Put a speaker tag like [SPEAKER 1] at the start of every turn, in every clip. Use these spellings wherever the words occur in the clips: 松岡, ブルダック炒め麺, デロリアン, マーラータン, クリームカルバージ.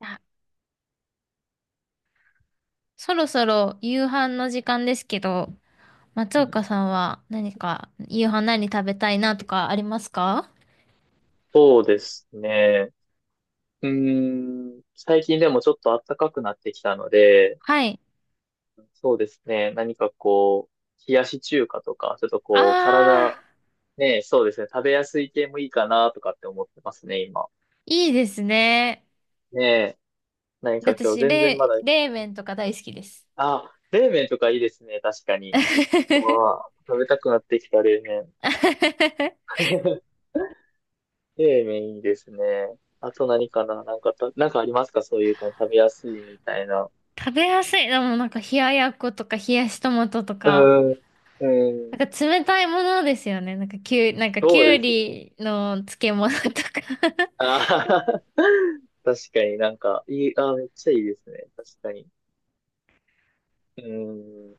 [SPEAKER 1] あそろそろ夕飯の時間ですけど、松
[SPEAKER 2] うん、
[SPEAKER 1] 岡さんは何か夕飯何食べたいなとかありますか？
[SPEAKER 2] そうですね。うー最近でもちょっと暖かくなってきたので、
[SPEAKER 1] はい。
[SPEAKER 2] そうですね。何かこう、冷やし中華とか、ちょっとこう、
[SPEAKER 1] あ
[SPEAKER 2] 体、
[SPEAKER 1] あ、
[SPEAKER 2] ね、そうですね。食べやすい系もいいかなとかって思ってますね、今。
[SPEAKER 1] いいですね。
[SPEAKER 2] ねえ、何か今日
[SPEAKER 1] 私、
[SPEAKER 2] 全然ま
[SPEAKER 1] 冷、
[SPEAKER 2] だ、
[SPEAKER 1] 冷麺とか大好きです。
[SPEAKER 2] あ、冷麺とかいいですね、確かに。うわあ、食べたくなってきた、冷麺。冷麺いいですね。あと何かな、なんかた、なんかありますか、そういう感じ、食べやすいみたいな。
[SPEAKER 1] 食べやすい。でもなんか冷ややっことか冷やしトマトと
[SPEAKER 2] う
[SPEAKER 1] か、
[SPEAKER 2] ん、
[SPEAKER 1] な
[SPEAKER 2] うん、
[SPEAKER 1] んか冷たいものですよね。なんかきゅう、なんかき
[SPEAKER 2] そう
[SPEAKER 1] ゅう
[SPEAKER 2] ですね。
[SPEAKER 1] りの漬物とか、
[SPEAKER 2] あはは、確かになんか、いい、あー、めっちゃいいですね。確かに。うん、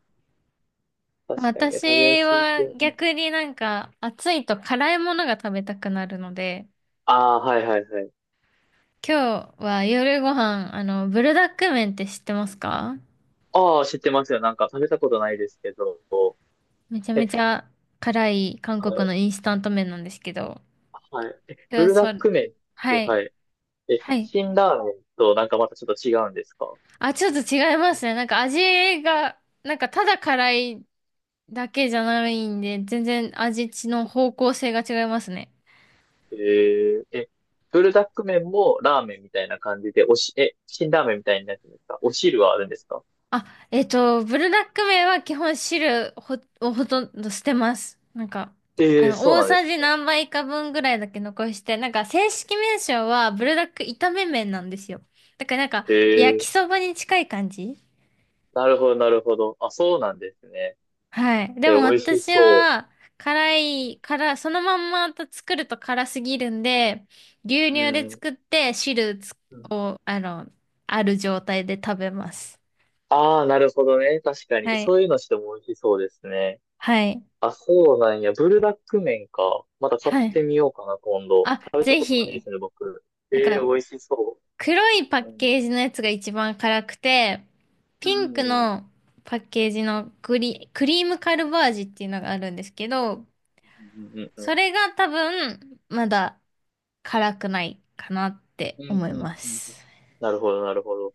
[SPEAKER 2] 確かにね、食べや
[SPEAKER 1] 私
[SPEAKER 2] すい系。
[SPEAKER 1] は
[SPEAKER 2] うん、
[SPEAKER 1] 逆になんか暑いと辛いものが食べたくなるので、
[SPEAKER 2] ああ、はいはいはい。
[SPEAKER 1] 今日は夜ご飯、ブルダック麺って知ってますか？
[SPEAKER 2] ああ、知ってますよ。なんか食べたことないですけど。
[SPEAKER 1] めちゃめ
[SPEAKER 2] え、
[SPEAKER 1] ちゃ辛い韓
[SPEAKER 2] は
[SPEAKER 1] 国
[SPEAKER 2] い、
[SPEAKER 1] のインスタント麺なんですけど、
[SPEAKER 2] はい。え、ブ
[SPEAKER 1] 今日
[SPEAKER 2] ルダッ
[SPEAKER 1] それ、
[SPEAKER 2] ク麺っ
[SPEAKER 1] は
[SPEAKER 2] て、
[SPEAKER 1] い、
[SPEAKER 2] はい。え、
[SPEAKER 1] はい。
[SPEAKER 2] 辛ラーメンとなんかまたちょっと違うんですか？
[SPEAKER 1] あ、ちょっと違いますね。なんか味が、なんかただ辛いだけじゃないんで、全然味の方向性が違いますね。
[SPEAKER 2] えー、え、ブルダック麺もラーメンみたいな感じで、おし、え、辛ラーメンみたいになってるんですか？お汁はあるんですか？
[SPEAKER 1] あ、ブルダック麺は基本汁ほをほとんど捨てます。なんか、
[SPEAKER 2] ええー、そう
[SPEAKER 1] 大
[SPEAKER 2] なんで
[SPEAKER 1] さ
[SPEAKER 2] す。
[SPEAKER 1] じ何杯か分ぐらいだけ残して、なんか正式名称はブルダック炒め麺なんですよ。だからなんか、
[SPEAKER 2] へ
[SPEAKER 1] 焼き
[SPEAKER 2] え、
[SPEAKER 1] そばに近い感じ。
[SPEAKER 2] なるほど、なるほど。あ、そうなんですね。
[SPEAKER 1] はい。で
[SPEAKER 2] え、
[SPEAKER 1] も
[SPEAKER 2] 美味し
[SPEAKER 1] 私
[SPEAKER 2] そう。
[SPEAKER 1] は、辛い、辛、そのまんまと作ると辛すぎるんで、牛
[SPEAKER 2] う
[SPEAKER 1] 乳で
[SPEAKER 2] ん。
[SPEAKER 1] 作って汁つを、ある状態で食べます。
[SPEAKER 2] ああ、なるほどね。確かに。
[SPEAKER 1] はい。
[SPEAKER 2] そういうのしても美味しそうですね。
[SPEAKER 1] はい。
[SPEAKER 2] あ、そうなんや。ブルダック麺か。また買っ
[SPEAKER 1] は
[SPEAKER 2] て
[SPEAKER 1] い。
[SPEAKER 2] みようかな、今度。
[SPEAKER 1] あ、
[SPEAKER 2] 食べた
[SPEAKER 1] ぜ
[SPEAKER 2] ことないで
[SPEAKER 1] ひ。
[SPEAKER 2] すね、僕。
[SPEAKER 1] なん
[SPEAKER 2] ええ、美
[SPEAKER 1] か、
[SPEAKER 2] 味しそ
[SPEAKER 1] 黒いパ
[SPEAKER 2] う。う
[SPEAKER 1] ッ
[SPEAKER 2] ん。
[SPEAKER 1] ケージのやつが一番辛くて、
[SPEAKER 2] う
[SPEAKER 1] ピン
[SPEAKER 2] ん
[SPEAKER 1] ク
[SPEAKER 2] うん
[SPEAKER 1] のパッケージのグリ、クリームカルバージっていうのがあるんですけど、
[SPEAKER 2] うんうんう
[SPEAKER 1] そ
[SPEAKER 2] ん
[SPEAKER 1] れが多分、まだ辛くないかなって
[SPEAKER 2] うんうん
[SPEAKER 1] 思い
[SPEAKER 2] うん
[SPEAKER 1] ま
[SPEAKER 2] うんうん。
[SPEAKER 1] す。
[SPEAKER 2] なるほど、なるほど。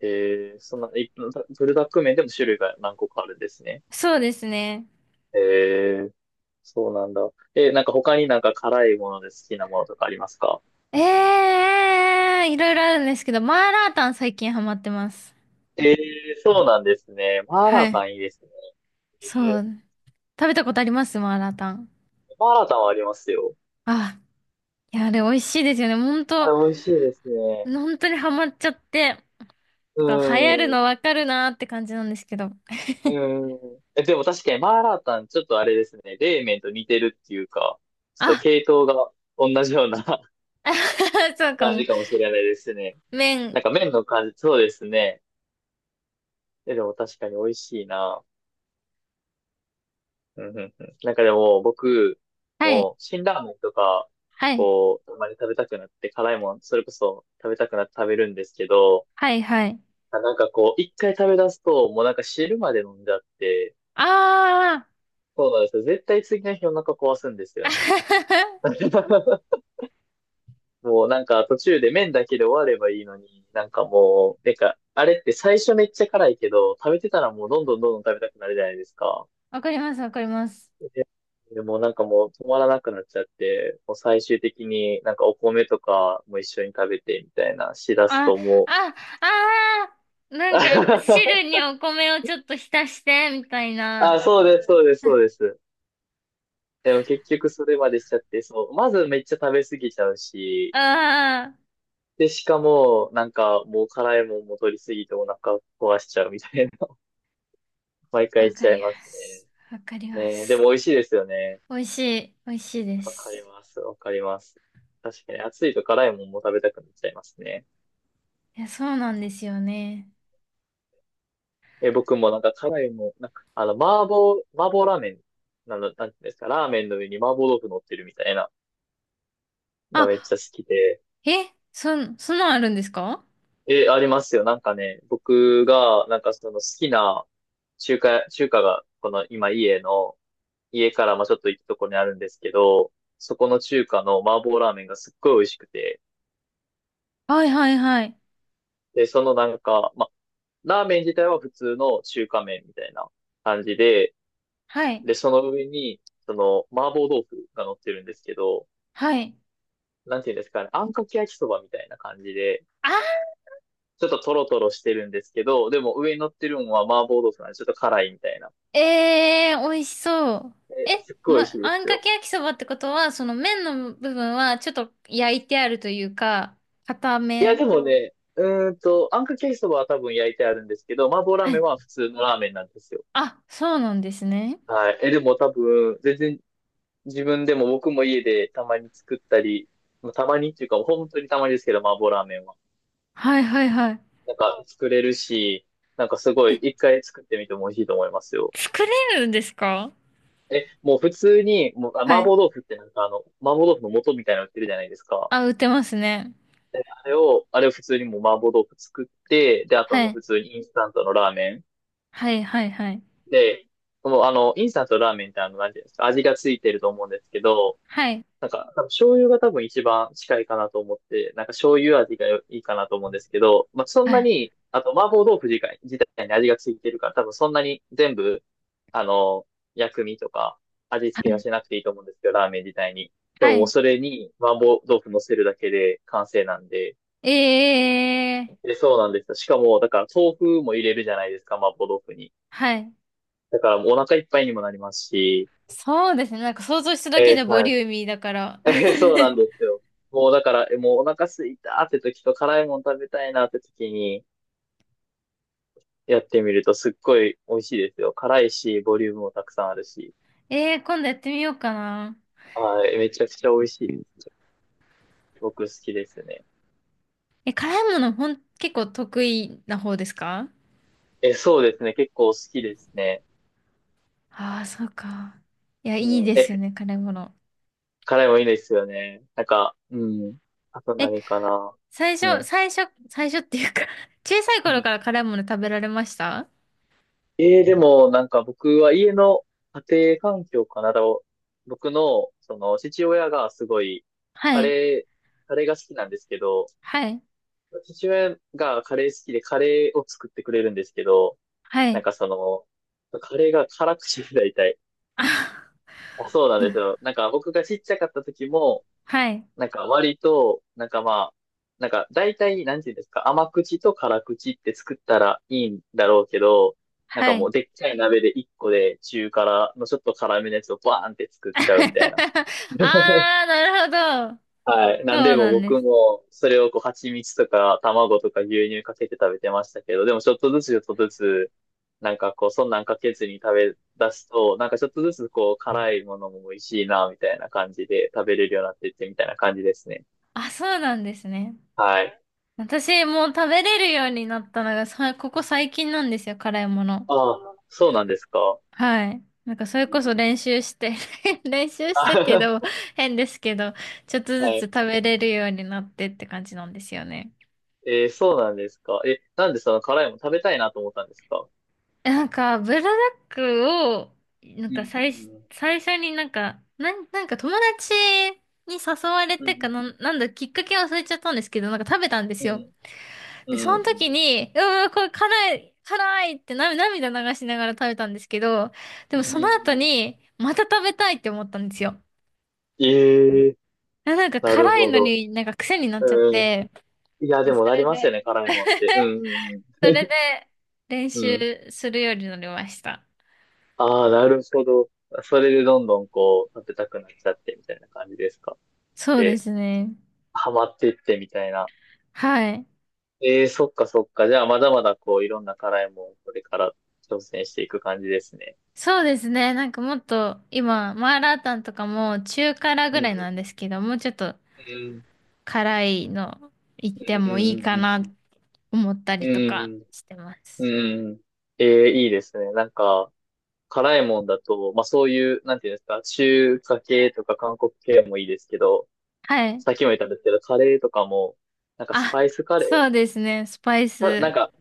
[SPEAKER 2] ええ、そんな、い、ブルダック麺でも種類が何個かあるんですね。
[SPEAKER 1] そうですね。
[SPEAKER 2] ええ。そうなんだ。え、なんか他になんか辛いもので好きなものとかありますか？
[SPEAKER 1] えいろいろあるんですけど、マーラータン最近ハマってます。
[SPEAKER 2] えー、そうなんですね。マーラー
[SPEAKER 1] は
[SPEAKER 2] タ
[SPEAKER 1] い。
[SPEAKER 2] ンいいですね。
[SPEAKER 1] そ
[SPEAKER 2] え
[SPEAKER 1] う。食べたことありますマーラータン？
[SPEAKER 2] ー、マーラータンはありますよ。
[SPEAKER 1] あ、いや、あれ美味しいですよね。ほん
[SPEAKER 2] あ
[SPEAKER 1] と、
[SPEAKER 2] れ、美味しいですね。
[SPEAKER 1] ほんとにハマっちゃって。
[SPEAKER 2] う
[SPEAKER 1] 流行る
[SPEAKER 2] ー
[SPEAKER 1] の
[SPEAKER 2] ん。
[SPEAKER 1] わかるなーって感じなんですけど。
[SPEAKER 2] うーん。え、でも確かにマーラータン、ちょっとあれですね。冷麺と似てるっていうか、ちょっと
[SPEAKER 1] あ、
[SPEAKER 2] 系統が同じような
[SPEAKER 1] そう か
[SPEAKER 2] 感
[SPEAKER 1] も。
[SPEAKER 2] じかもしれないですね。なん
[SPEAKER 1] 麺。
[SPEAKER 2] か麺の感じ、そうですね。え、でも確かに美味しいな。うんうんうん。なんかでも、僕、
[SPEAKER 1] はい、
[SPEAKER 2] もう、辛ラーメンとか、
[SPEAKER 1] はい、
[SPEAKER 2] こう、たまに食べたくなって、辛いもん、それこそ食べたくなって食べるんですけど、
[SPEAKER 1] はい、はい。
[SPEAKER 2] あ、なんかこう、一回食べ出すと、もうなんか汁まで飲んじゃって、
[SPEAKER 1] あー。
[SPEAKER 2] そうなんですよ。絶対次の日お腹壊すんですよね。もうなんか途中で麺だけで終わればいいのに、なんかもう、なんか、あれって最初めっちゃ辛いけど、食べてたらもうどんどんどんどん食べたくなるじゃないですか。
[SPEAKER 1] わかります、わかります。
[SPEAKER 2] で、でもうなんかもう止まらなくなっちゃって、もう最終的になんかお米とかも一緒に食べてみたいなしだす
[SPEAKER 1] あ、
[SPEAKER 2] とも
[SPEAKER 1] あ、あー。
[SPEAKER 2] う。
[SPEAKER 1] なんか、汁にお米をちょっと浸して、みたい
[SPEAKER 2] あ、
[SPEAKER 1] な。
[SPEAKER 2] そうです、そうです、そうです。でも結局それまでしちゃって、そう、まずめっちゃ食べ過ぎちゃうし、
[SPEAKER 1] あ
[SPEAKER 2] で、しかも、なんかもう辛いもんも取り過ぎてお腹壊しちゃうみたいな、毎
[SPEAKER 1] あ、わ
[SPEAKER 2] 回し
[SPEAKER 1] か
[SPEAKER 2] ちゃい
[SPEAKER 1] り
[SPEAKER 2] ます
[SPEAKER 1] ます。わかり
[SPEAKER 2] ね。
[SPEAKER 1] ま
[SPEAKER 2] ねえ、で
[SPEAKER 1] す。
[SPEAKER 2] も美味しいですよね。
[SPEAKER 1] 美味しい、美味しいで
[SPEAKER 2] わかり
[SPEAKER 1] す。
[SPEAKER 2] ます、わかります。確かに暑いと辛いもんも食べたくなっちゃいますね。
[SPEAKER 1] いや、そうなんですよね。
[SPEAKER 2] え、僕もなんか辛いもなんか、あの、麻婆、麻婆ラーメン、なの、なんていうんですか、ラーメンの上に麻婆豆腐乗ってるみたいな、が
[SPEAKER 1] あ、
[SPEAKER 2] めっちゃ好きで。
[SPEAKER 1] え、そん、そんなんあるんですか？
[SPEAKER 2] え、ありますよ。なんかね、僕が、なんかその好きな中華が、この今家の、家からまあちょっと行くところにあるんですけど、そこの中華の麻婆ラーメンがすっごい美味しくて、
[SPEAKER 1] はいはいはい。
[SPEAKER 2] で、そのなんか、まあ、ラーメン自体は普通の中華麺みたいな感じで、
[SPEAKER 1] はい。
[SPEAKER 2] で、その上に、その麻婆豆腐が乗ってるんですけど、
[SPEAKER 1] はい。
[SPEAKER 2] なんていうんですかね、あんかけ焼きそばみたいな感じで、
[SPEAKER 1] あ
[SPEAKER 2] ちょっとトロトロしてるんですけど、でも上に乗ってるのは麻婆豆腐なんでちょっと辛いみたいな。
[SPEAKER 1] ー、えー、美味しそう。
[SPEAKER 2] え、
[SPEAKER 1] え、
[SPEAKER 2] すっごい美味し
[SPEAKER 1] ま、
[SPEAKER 2] いで
[SPEAKER 1] あん
[SPEAKER 2] す
[SPEAKER 1] か
[SPEAKER 2] よ。
[SPEAKER 1] け焼きそばってことは、その麺の部分はちょっと焼いてあるというか、固
[SPEAKER 2] いや、
[SPEAKER 1] め。
[SPEAKER 2] でもね、あんかけ焼きそばは多分焼いてあるんですけど、麻婆ラー
[SPEAKER 1] は
[SPEAKER 2] メン
[SPEAKER 1] い。
[SPEAKER 2] は普通のラーメンなんですよ。
[SPEAKER 1] あ、そうなんですね。
[SPEAKER 2] はい。え、でも多分、全然自分でも僕も家でたまに作ったり、まあたまにっていうか、本当にたまにですけど、麻婆ラーメンは。
[SPEAKER 1] はいはいはい。
[SPEAKER 2] なんか作れるし、なんかすご
[SPEAKER 1] え、
[SPEAKER 2] い一回作ってみても美味しいと思いますよ。
[SPEAKER 1] 作れるんですか？
[SPEAKER 2] え、もう普通に、もう、あ、
[SPEAKER 1] は
[SPEAKER 2] 麻
[SPEAKER 1] い。
[SPEAKER 2] 婆豆腐ってなんかあの、麻婆豆腐の素みたいなの売ってるじゃないですか。
[SPEAKER 1] あ、売ってますね。
[SPEAKER 2] で、あれを、あれを普通にもう麻婆豆腐作って、で、あと
[SPEAKER 1] は
[SPEAKER 2] もう
[SPEAKER 1] い。
[SPEAKER 2] 普通にインスタントのラーメン。
[SPEAKER 1] はいはいはい。
[SPEAKER 2] で、もうあの、インスタントのラーメンってあの、なんていうんですか、味がついてると思うんですけど、
[SPEAKER 1] はい。
[SPEAKER 2] なんか、多分醤油が多分一番近いかなと思って、なんか醤油味がいいかなと思うんですけど、まあ、そん
[SPEAKER 1] は
[SPEAKER 2] な
[SPEAKER 1] い。
[SPEAKER 2] に、あと麻婆豆腐自体に味がついてるから、多分そんなに全部、あの、薬味とか味付けはしなくていいと思うんですけど、ラーメン自体に。で
[SPEAKER 1] は
[SPEAKER 2] ももう
[SPEAKER 1] い。
[SPEAKER 2] それに麻婆豆腐乗せるだけで完成なんで、
[SPEAKER 1] ええー、
[SPEAKER 2] で、そうなんですよ。しかも、だから豆腐も入れるじゃないですか、麻婆豆腐に。
[SPEAKER 1] はい。
[SPEAKER 2] だからもうお腹いっぱいにもなりますし、
[SPEAKER 1] そうですね。なんか想像しただけ
[SPEAKER 2] え
[SPEAKER 1] で
[SPEAKER 2] ー、
[SPEAKER 1] ボ
[SPEAKER 2] はい、
[SPEAKER 1] リューミーだから。
[SPEAKER 2] え ー そうなんですよ。もうだから、え、もうお腹すいたって時と辛いもの食べたいなって時にやってみるとすっごい美味しいですよ。辛いし、ボリュームもたくさんあるし。
[SPEAKER 1] ええー、今度やってみようかな。
[SPEAKER 2] はい、めちゃくちゃ美味しいです。僕好きですね。
[SPEAKER 1] え、辛いものほん、結構得意な方ですか？
[SPEAKER 2] え、そうですね。結構好きですね。
[SPEAKER 1] ああー、そうか。いや、
[SPEAKER 2] う
[SPEAKER 1] いい
[SPEAKER 2] ん。
[SPEAKER 1] ですよ
[SPEAKER 2] え、
[SPEAKER 1] ね、辛いもの。
[SPEAKER 2] 辛いもいいですよね。なんか、うん。あと
[SPEAKER 1] え、
[SPEAKER 2] 何かな。
[SPEAKER 1] 最
[SPEAKER 2] う
[SPEAKER 1] 初、
[SPEAKER 2] ん。
[SPEAKER 1] 最初、最初っていうか 小さい頃から辛いもの食べられました？
[SPEAKER 2] ええ、でも、なんか僕は家の家庭環境かな。だろう僕の、その、父親がすごい、
[SPEAKER 1] は
[SPEAKER 2] カ
[SPEAKER 1] い、
[SPEAKER 2] レー、カレーが好きなんですけど、
[SPEAKER 1] はい、
[SPEAKER 2] 父親がカレー好きでカレーを作ってくれるんですけど、
[SPEAKER 1] は
[SPEAKER 2] なん
[SPEAKER 1] い、
[SPEAKER 2] かその、カレーが辛口で大体。
[SPEAKER 1] あ、
[SPEAKER 2] あ、そうなんですよ。なんか僕がちっちゃかった時も、
[SPEAKER 1] はい、
[SPEAKER 2] なんか割と、なんかまあ、なんか大体、なんていうんですか、甘口と辛口って作ったらいいんだろうけど、なんか
[SPEAKER 1] は
[SPEAKER 2] も
[SPEAKER 1] い。
[SPEAKER 2] うでっかい鍋で一個で中辛のちょっと辛めのやつをバーンって作っちゃうみたいな。
[SPEAKER 1] ああ、なるほど。
[SPEAKER 2] はい。なん
[SPEAKER 1] そ
[SPEAKER 2] で
[SPEAKER 1] う
[SPEAKER 2] も
[SPEAKER 1] なんで
[SPEAKER 2] 僕
[SPEAKER 1] す。
[SPEAKER 2] もそれをこう蜂蜜とか卵とか牛乳かけて食べてましたけど、でもちょっとずつちょっとずつ、なんかこうそんなんかけずに食べ出すと、なんかちょっとずつこう辛いものも美味しいなみたいな感じで食べれるようになってってみたいな感じですね。
[SPEAKER 1] あ、そうなんですね。
[SPEAKER 2] はい。
[SPEAKER 1] 私、もう食べれるようになったのが、さ、ここ最近なんですよ、辛いもの。
[SPEAKER 2] ああ、そうなんですか。
[SPEAKER 1] はい。なんかそれ
[SPEAKER 2] う
[SPEAKER 1] こ
[SPEAKER 2] ん、
[SPEAKER 1] そ練習して 練習してっていう
[SPEAKER 2] あ、
[SPEAKER 1] のも 変ですけど、ちょっと ず
[SPEAKER 2] は
[SPEAKER 1] つ
[SPEAKER 2] い。
[SPEAKER 1] 食べれるようになってって感じなんですよね。
[SPEAKER 2] えー、そうなんですか。え、なんでその辛いもの食べたいなと思ったんですか？
[SPEAKER 1] なんか、ブラダックを、なん
[SPEAKER 2] う
[SPEAKER 1] か
[SPEAKER 2] ん、う
[SPEAKER 1] 最、
[SPEAKER 2] ん、
[SPEAKER 1] 最初になんか、なん、なんか友達に誘われ
[SPEAKER 2] う
[SPEAKER 1] てか
[SPEAKER 2] ん、
[SPEAKER 1] なん、なんだ、きっかけ忘れちゃったんですけど、なんか食べたんで
[SPEAKER 2] う
[SPEAKER 1] すよ。
[SPEAKER 2] ん、
[SPEAKER 1] で、そ
[SPEAKER 2] う
[SPEAKER 1] の時
[SPEAKER 2] ん、
[SPEAKER 1] に、うわ、これ辛い、辛いってな涙流しながら食べたんですけど、で
[SPEAKER 2] う
[SPEAKER 1] も
[SPEAKER 2] ん。
[SPEAKER 1] その後
[SPEAKER 2] うん、
[SPEAKER 1] に、また食べたいって思ったんですよ。
[SPEAKER 2] ええ、
[SPEAKER 1] あ、なんか
[SPEAKER 2] なる
[SPEAKER 1] 辛い
[SPEAKER 2] ほ
[SPEAKER 1] の
[SPEAKER 2] ど。
[SPEAKER 1] になんか癖になっちゃっ
[SPEAKER 2] うん。
[SPEAKER 1] て、
[SPEAKER 2] いや、でも
[SPEAKER 1] そ
[SPEAKER 2] なり
[SPEAKER 1] れ
[SPEAKER 2] ますよ
[SPEAKER 1] で、
[SPEAKER 2] ね、辛いもんって。う ん、うん、う
[SPEAKER 1] それで練
[SPEAKER 2] ん。
[SPEAKER 1] 習
[SPEAKER 2] うん、
[SPEAKER 1] するようになりました。
[SPEAKER 2] ああ、なるほど。それでどんどんこう、食べたくなっちゃってみたいな感じですか。
[SPEAKER 1] そうで
[SPEAKER 2] で、
[SPEAKER 1] すね。
[SPEAKER 2] ハマってってみたいな。
[SPEAKER 1] はい。
[SPEAKER 2] ええ、そっかそっか。じゃあ、まだまだこう、いろんな辛いもん、これから挑戦していく感じですね。
[SPEAKER 1] そうですね。なんかもっと今、マーラータンとかも中辛
[SPEAKER 2] う
[SPEAKER 1] ぐらいなん
[SPEAKER 2] ん
[SPEAKER 1] ですけど、もうちょっと
[SPEAKER 2] うん
[SPEAKER 1] 辛いの行っ
[SPEAKER 2] う
[SPEAKER 1] てもいい
[SPEAKER 2] ん
[SPEAKER 1] かな
[SPEAKER 2] うん
[SPEAKER 1] 思った
[SPEAKER 2] う
[SPEAKER 1] りとか
[SPEAKER 2] ん
[SPEAKER 1] してま
[SPEAKER 2] うんうんう
[SPEAKER 1] す。
[SPEAKER 2] んうんうん。ええ、いいですね。なんか、辛いもんだと、まあそういう、なんていうんですか、中華系とか韓国系もいいですけど、
[SPEAKER 1] はい。
[SPEAKER 2] さっきも言ったんですけど、カレーとかも、なんかス
[SPEAKER 1] あ、
[SPEAKER 2] パイスカレー
[SPEAKER 1] そうですね。スパイ
[SPEAKER 2] かなん
[SPEAKER 1] ス。
[SPEAKER 2] か、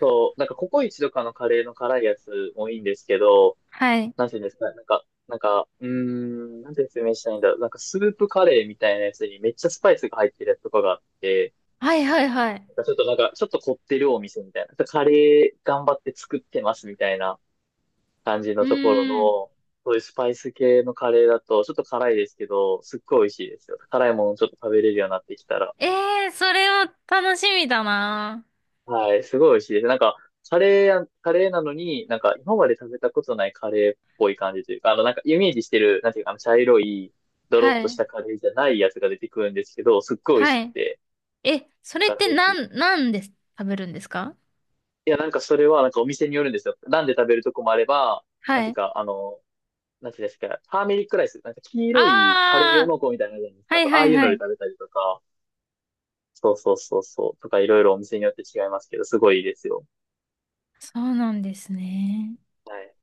[SPEAKER 2] そう、なんかココイチとかのカレーの辛いやつもいいんですけど、
[SPEAKER 1] はい。
[SPEAKER 2] なんていうんですかね、なんか、なんか、なんて説明したらいいんだろう。なんかスープカレーみたいなやつにめっちゃスパイスが入ってるやつとかがあって、
[SPEAKER 1] はいはいはい。
[SPEAKER 2] なんかちょっとなんか、ちょっと凝ってるお店みたいな。カレー頑張って作ってますみたいな感じ
[SPEAKER 1] う
[SPEAKER 2] のところの、
[SPEAKER 1] ーん。
[SPEAKER 2] そういうスパイス系のカレーだと、ちょっと辛いですけど、すっごい美味しいですよ。辛いものちょっと食べれるようになってきたら。
[SPEAKER 1] ええー、それは楽しみだな。
[SPEAKER 2] はい、すごい美味しいです。なんか、カレーや、カレーなのに、なんか、今まで食べたことないカレーっぽい感じというか、あの、なんか、イメージしてる、なんていうか、あの、茶色い、ドロ
[SPEAKER 1] は
[SPEAKER 2] ッとし
[SPEAKER 1] い。
[SPEAKER 2] たカレーじゃないやつが出てくるんですけど、すっごい美味
[SPEAKER 1] は
[SPEAKER 2] しく
[SPEAKER 1] い。
[SPEAKER 2] て、
[SPEAKER 1] え、そ
[SPEAKER 2] なん
[SPEAKER 1] れっ
[SPEAKER 2] か、
[SPEAKER 1] て
[SPEAKER 2] ぜひ。
[SPEAKER 1] な
[SPEAKER 2] い
[SPEAKER 1] ん、なんで食べるんですか？
[SPEAKER 2] や、なんか、それは、なんか、お店によるんですよ。なんで食べるとこもあれば、なん
[SPEAKER 1] は
[SPEAKER 2] ていう
[SPEAKER 1] い。
[SPEAKER 2] か、あの、なんていうんですか、ターメリックライス、なんか、黄
[SPEAKER 1] あ
[SPEAKER 2] 色いカレー用
[SPEAKER 1] あ、
[SPEAKER 2] の子みたいなのじゃないです
[SPEAKER 1] は
[SPEAKER 2] か。
[SPEAKER 1] い
[SPEAKER 2] あ
[SPEAKER 1] は
[SPEAKER 2] あ
[SPEAKER 1] い
[SPEAKER 2] いうの
[SPEAKER 1] は
[SPEAKER 2] で
[SPEAKER 1] い。
[SPEAKER 2] 食べたりとか、そうそうそうそう、とか、いろいろお店によって違いますけど、すごいいいですよ。
[SPEAKER 1] そうなんですね。
[SPEAKER 2] はい。